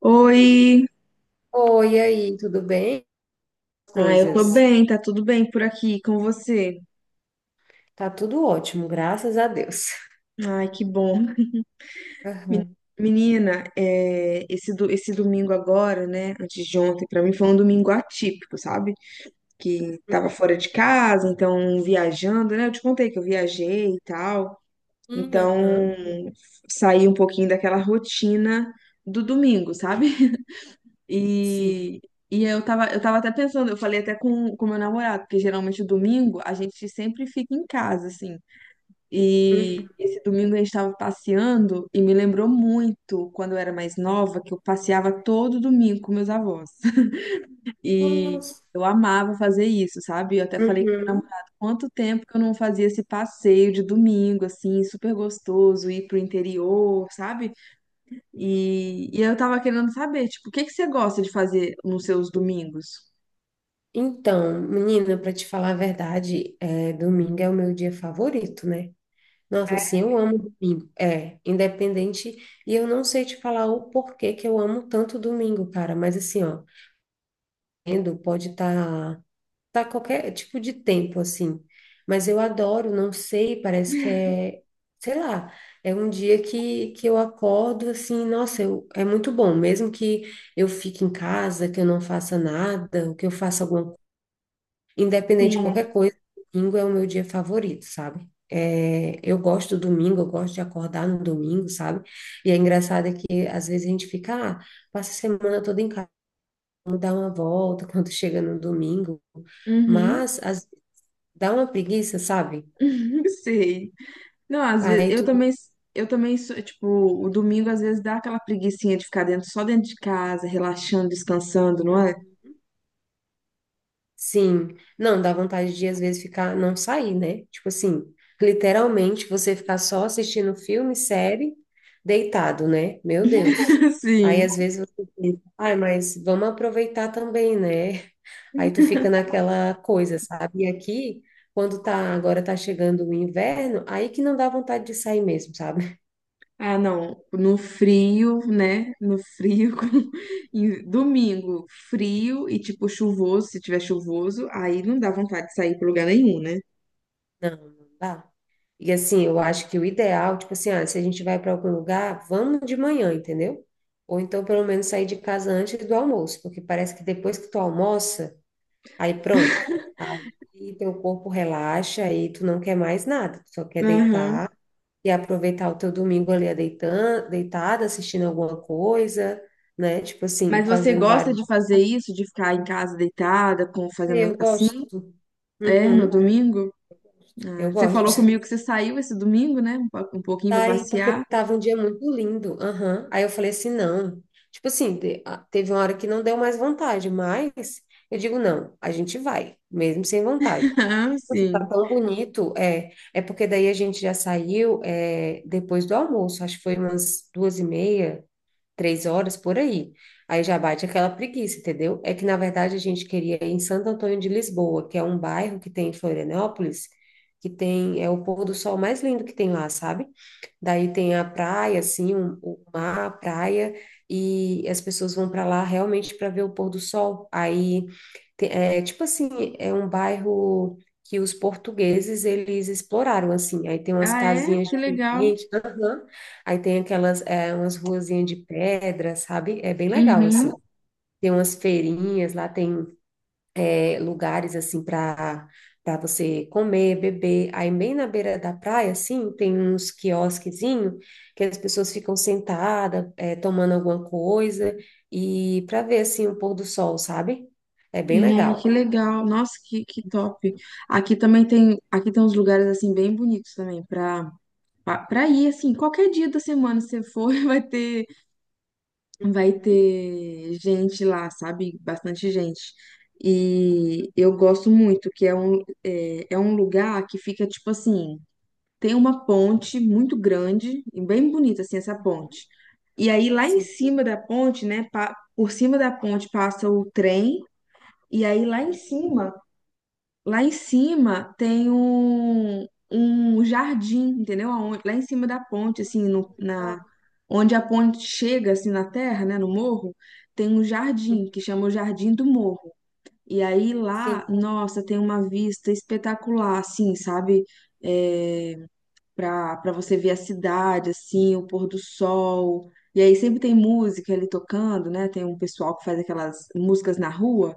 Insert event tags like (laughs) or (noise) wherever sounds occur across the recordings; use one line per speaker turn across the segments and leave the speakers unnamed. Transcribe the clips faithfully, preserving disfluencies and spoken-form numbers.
Oi!
Oi, e aí, tudo bem?
Ah, eu tô
Coisas.
bem, tá tudo bem por aqui com você?
Tá tudo ótimo, graças a Deus.
Ai, que bom.
Aham.
Menina, é, esse, do, esse domingo agora, né, antes de ontem, pra mim foi um domingo atípico, sabe? Que tava fora de casa, então viajando, né? Eu te contei que eu viajei e tal.
Uhum,
Então,
aham.
saí um pouquinho daquela rotina do domingo, sabe?
Sim.
E, e eu tava, eu tava até pensando, eu falei até com o meu namorado, porque geralmente domingo a gente sempre fica em casa, assim.
Uhum.
E esse domingo a gente tava passeando e me lembrou muito quando eu era mais nova, que eu passeava todo domingo com meus avós. (laughs) E
Nossa.
eu amava fazer isso, sabe? Eu até falei com meu
Uhum.
namorado quanto tempo que eu não fazia esse passeio de domingo, assim, super gostoso, ir pro interior, sabe? E, e eu tava querendo saber, tipo, o que que você gosta de fazer nos seus domingos?
Então, menina, para te falar a verdade, é, domingo é o meu dia favorito, né? Nossa, assim, eu amo domingo. É, independente. E eu não sei te falar o porquê que eu amo tanto domingo, cara. Mas assim, ó, tendo, pode estar, tá qualquer tipo de tempo assim. Mas eu adoro, não sei, parece que é, sei lá, é um dia que, que eu acordo assim, nossa, eu, é muito bom, mesmo que eu fique em casa, que eu não faça nada, ou que eu faça alguma coisa, independente de qualquer coisa, domingo é o meu dia favorito, sabe? É, eu gosto do domingo, eu gosto de acordar no domingo, sabe? E é engraçado é que às vezes a gente fica, ah, passa a semana toda em casa, vamos dar uma volta (laughs) quando chega no domingo,
Uhum.
mas às dá uma preguiça, sabe?
(laughs) Sei. Não, às vezes
Aí
eu
tu.
também, eu também sou, tipo, o domingo às vezes dá aquela preguicinha de ficar dentro, só dentro de casa, relaxando, descansando, não é?
Sim. Não, dá vontade de às vezes ficar, não sair, né? Tipo assim, literalmente você ficar só assistindo filme, série, deitado, né? Meu Deus.
(laughs)
Aí
Sim.
às vezes você pensa, ai, mas vamos aproveitar também, né? Aí tu fica naquela coisa, sabe? E aqui, quando tá, agora tá chegando o inverno, aí que não dá vontade de sair mesmo, sabe?
Ah, não, no frio, né? No frio, (laughs) com- em- domingo, frio e tipo chuvoso, se tiver chuvoso, aí não dá vontade de sair para lugar nenhum, né?
Não, não dá. E assim, eu acho que o ideal, tipo assim, ah, se a gente vai para algum lugar, vamos de manhã, entendeu? Ou então pelo menos sair de casa antes do almoço, porque parece que depois que tu almoça, aí pronto. Aí teu corpo relaxa, aí tu não quer mais nada, tu só quer deitar e aproveitar o teu domingo ali deitando, deitada, assistindo alguma coisa, né? Tipo assim,
Mas você
fazendo
gosta
barulho.
de fazer isso, de ficar em casa deitada, com, fazendo
Eu
assim?
gosto.
É, no
Uhum,
domingo?
eu
Ah, você falou
gosto.
comigo que você saiu esse domingo, né? Um po- um pouquinho
Tá.
pra
Aí, porque
passear. (laughs)
tava um dia muito lindo. Aham. Aí eu falei assim, não. Tipo assim, te- a- teve uma hora que não deu mais vontade, mas eu digo, não, a gente vai, mesmo sem vontade.
Ah,
Nossa, tá
sim.
tão bonito, é, é porque daí a gente já saiu, é, depois do almoço, acho que foi umas duas e meia, três horas, por aí. Aí já bate aquela preguiça, entendeu? É que, na verdade, a gente queria ir em Santo Antônio de Lisboa, que é um bairro que tem em Florianópolis, que tem, é o pôr do sol mais lindo que tem lá, sabe? Daí tem a praia, assim, um- o mar, a praia, e as pessoas vão para lá realmente para ver o pôr do sol. Aí, te- é tipo assim, é um bairro que os portugueses, eles exploraram, assim. Aí tem umas
Ah, é?
casinhas
Que legal.
diferentes, aham. Aí tem aquelas, é, umas ruazinhas de pedra, sabe? É bem legal,
Uhum.
assim. Tem umas feirinhas, lá tem lugares assim para para você comer, beber. Aí bem na beira da praia, assim, tem uns quiosquezinho que as pessoas ficam sentadas, é, tomando alguma coisa e para ver assim o pôr do sol, sabe? É bem
Né,
legal.
que legal. Nossa, que, que top. Aqui também tem, aqui tem uns lugares assim bem bonitos também para para ir assim, qualquer dia da semana se você for, (laughs) vai ter vai
Uhum,
ter gente lá, sabe? Bastante gente. E eu gosto muito, que é um, é, é um lugar que fica tipo assim, tem uma ponte muito grande e bem bonita assim essa
uhum.
ponte. E aí lá em
Sim.
cima da ponte, né, pa- por cima da ponte passa o trem e aí lá em
Uhum.
cima. Lá em cima tem um, um jardim, entendeu? Aonde... Lá em cima da ponte,
Ah,
assim, no- na,
legal.
onde a ponte chega, assim, na terra, né, no morro, tem um jardim
Uhum.
que chama o Jardim do Morro. E aí lá,
Sim.
nossa, tem uma vista espetacular, assim, sabe? É, para para você ver a cidade, assim, o pôr do sol. E aí sempre tem música ali tocando, né? Tem um pessoal que faz aquelas músicas na rua.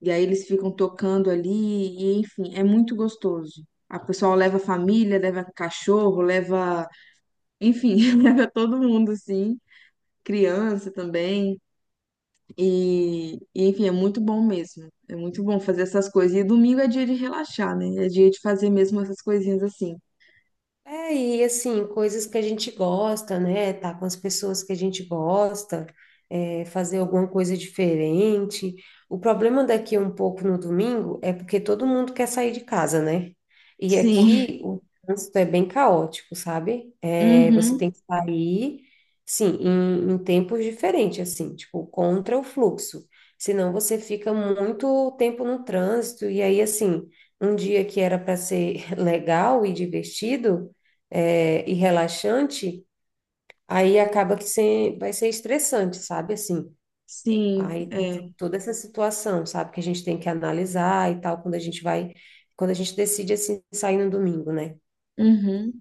E aí eles ficam tocando ali, e enfim, é muito gostoso. A pessoa leva a família, leva cachorro, leva, enfim, (laughs) leva todo mundo assim, criança também. E, e, enfim, é muito bom mesmo. É muito bom fazer essas coisas. E domingo é dia de relaxar, né? É dia de fazer mesmo essas coisinhas assim.
É, e assim, coisas que a gente gosta, né? Tá com as pessoas que a gente gosta, é, fazer alguma coisa diferente. O problema daqui um pouco no domingo é porque todo mundo quer sair de casa, né? E
Sim.
aqui o trânsito é bem caótico, sabe? É, você
Uhum.
tem que sair, sim, em, em tempos diferentes, assim, tipo, contra o fluxo. Senão você fica muito tempo no trânsito, e aí, assim, um dia que era para ser (laughs) legal e divertido é, e relaxante, aí acaba que sem- vai ser estressante, sabe? Assim,
Sim,
aí tem to-
é.
toda essa situação, sabe? Que a gente tem que analisar e tal, quando a gente vai, quando a gente decide, assim, sair no domingo, né?
Uhum.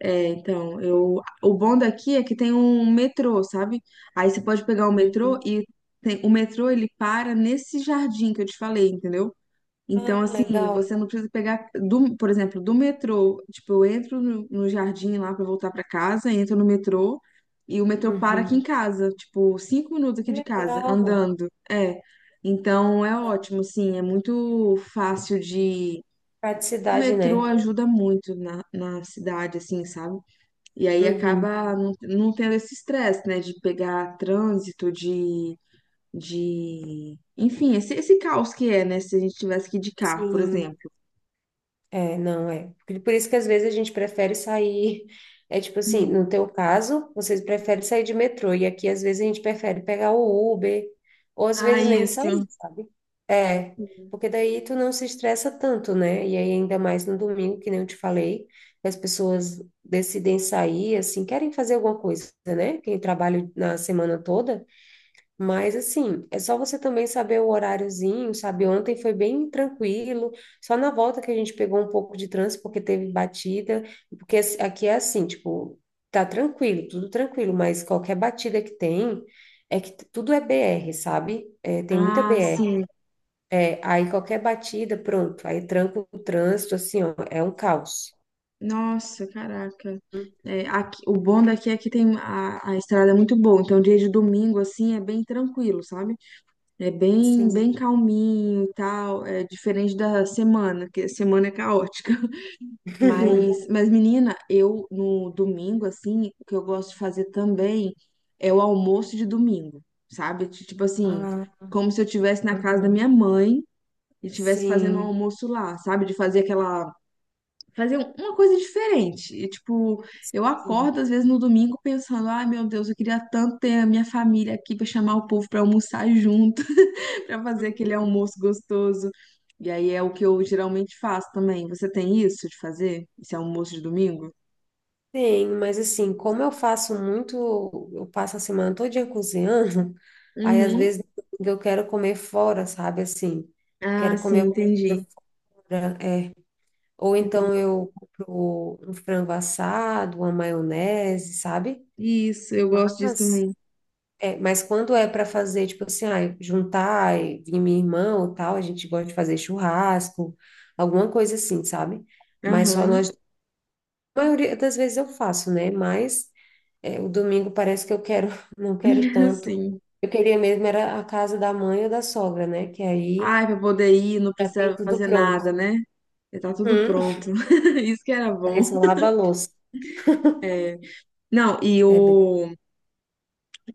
É, então, eu, o bom daqui é que tem um metrô, sabe? Aí você pode pegar o
Hum.
metrô e tem... o metrô ele para nesse jardim que eu te falei, entendeu? Então,
Ah,
assim,
legal.
você não precisa pegar, do, por exemplo, do metrô. Tipo, eu entro no, no jardim lá pra voltar pra casa, entro no metrô e o metrô para aqui em
Uhum.
casa, tipo, cinco minutos
Que
aqui de casa,
legal.
andando. É. Então, é ótimo, assim, é muito fácil de. O
Praticidade,
metrô
né?
ajuda muito na, na cidade, assim, sabe? E aí
Uhum.
acaba não, não tendo esse estresse, né? De pegar trânsito, de, de... Enfim, esse, esse caos que é, né? Se a gente tivesse que ir de carro, por
Sim.
exemplo.
É, não é. Por por isso que às vezes a gente prefere sair. (laughs) É tipo assim, no teu caso, vocês preferem sair de metrô, e aqui às vezes a gente prefere pegar o Uber, ou às
Ah,
vezes nem sair,
isso.
sabe? É, porque daí tu não se estressa tanto, né? E aí, ainda mais no domingo, que nem eu te falei, que as pessoas decidem sair, assim, querem fazer alguma coisa, né? Quem trabalha na semana toda. Mas assim, é só você também saber o horáriozinho, sabe? Ontem foi bem tranquilo, só na volta que a gente pegou um pouco de trânsito porque teve batida, porque as- aqui é assim, tipo, tá tranquilo, tudo tranquilo, mas qualquer batida que tem, é que t- tudo é B R, sabe? É, tem muita
Ah,
B R.
sim.
É, aí qualquer batida, pronto, aí tranca o trânsito, assim, ó, é um caos.
Nossa, caraca. É,
Uhum.
aqui... o bom daqui é que tem a, a estrada é muito boa, então dia de domingo assim é bem tranquilo, sabe? É bem
Sim.
bem calminho e tal, é diferente da semana, que a semana é caótica. Mas,
(laughs)
mas menina, eu no domingo, assim, o que eu gosto de fazer também é o almoço de domingo, sabe? Ti- Tipo assim,
Ah,
como se eu estivesse na casa da
aham.
minha mãe e estivesse fazendo um
Sim.
almoço lá, sabe? De fazer aquela. Fazer um- uma coisa diferente. E, tipo, eu acordo
Sim.
às vezes no domingo pensando, ai meu Deus, eu queria tanto ter a minha família aqui pra chamar o povo pra almoçar junto para fazer aquele
Uhum.
almoço gostoso. E aí é o que eu geralmente faço também. Você tem isso de fazer? Esse almoço de domingo?
Tem, mas assim, como eu faço muito, eu passo a semana todinha cozinhando, (laughs) aí às
Uhum.
vezes eu quero comer fora, sabe? Assim,
Ah,
quero
sim,
comer
entendi.
coisa fora, é. Ou então eu compro um frango assado, uma maionese, sabe?
Isso, eu gosto disso
Mas,
também.
é, mas quando é para fazer, tipo assim, ah, juntar e vir minha irmã ou tal, a gente gosta de fazer churrasco, alguma coisa assim, sabe? Mas só
Aham.
nós, a maioria das vezes eu faço, né? Mas. É, o domingo parece que eu quero, (laughs) não quero
(laughs)
tanto.
Sim.
Eu queria mesmo era a casa da mãe ou da sogra, né? Que aí
Ai, pra poder ir, não
já tem
precisa
tudo
fazer
pronto.
nada, né? Já tá tudo
Hum. (laughs)
pronto. (laughs) Isso que era
Aí
bom.
só lava a louça,
É. Não, e
né? Bem?
o...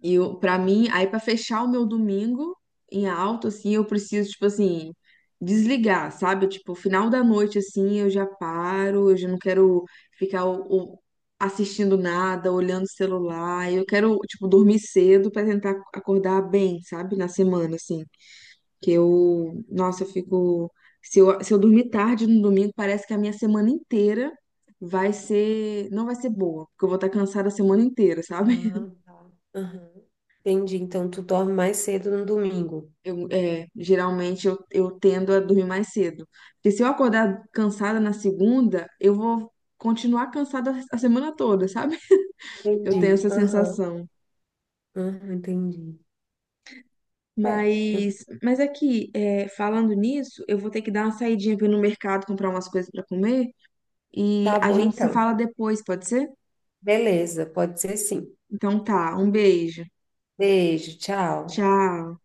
E para mim, aí para fechar o meu domingo em alto, assim, eu preciso, tipo assim, desligar, sabe? Tipo, final da noite, assim, eu já paro, eu já não quero ficar o- o- assistindo nada, olhando o celular. Eu quero, tipo, dormir cedo para tentar acordar bem, sabe? Na semana, assim. Que eu, nossa, eu fico. Se eu, se eu dormir tarde no domingo, parece que a minha semana inteira vai ser. Não vai ser boa, porque eu vou estar cansada a semana inteira, sabe?
Ah, tá. Aham. Entendi. Então tu dorme mais cedo no domingo.
Eu, é, geralmente eu, eu tendo a dormir mais cedo. Porque se eu acordar cansada na segunda, eu vou continuar cansada a semana toda, sabe? (laughs) Eu tenho
Entendi.
essa
Aham.
sensação.
Aham, entendi. É, eu-
Mas, mas aqui, é, falando nisso, eu vou ter que dar uma saidinha para ir no mercado comprar umas coisas para comer e
tá
a
bom
gente se
então.
fala depois, pode ser?
Beleza, pode ser sim.
Então tá, um beijo.
Beijo, tchau.
Tchau.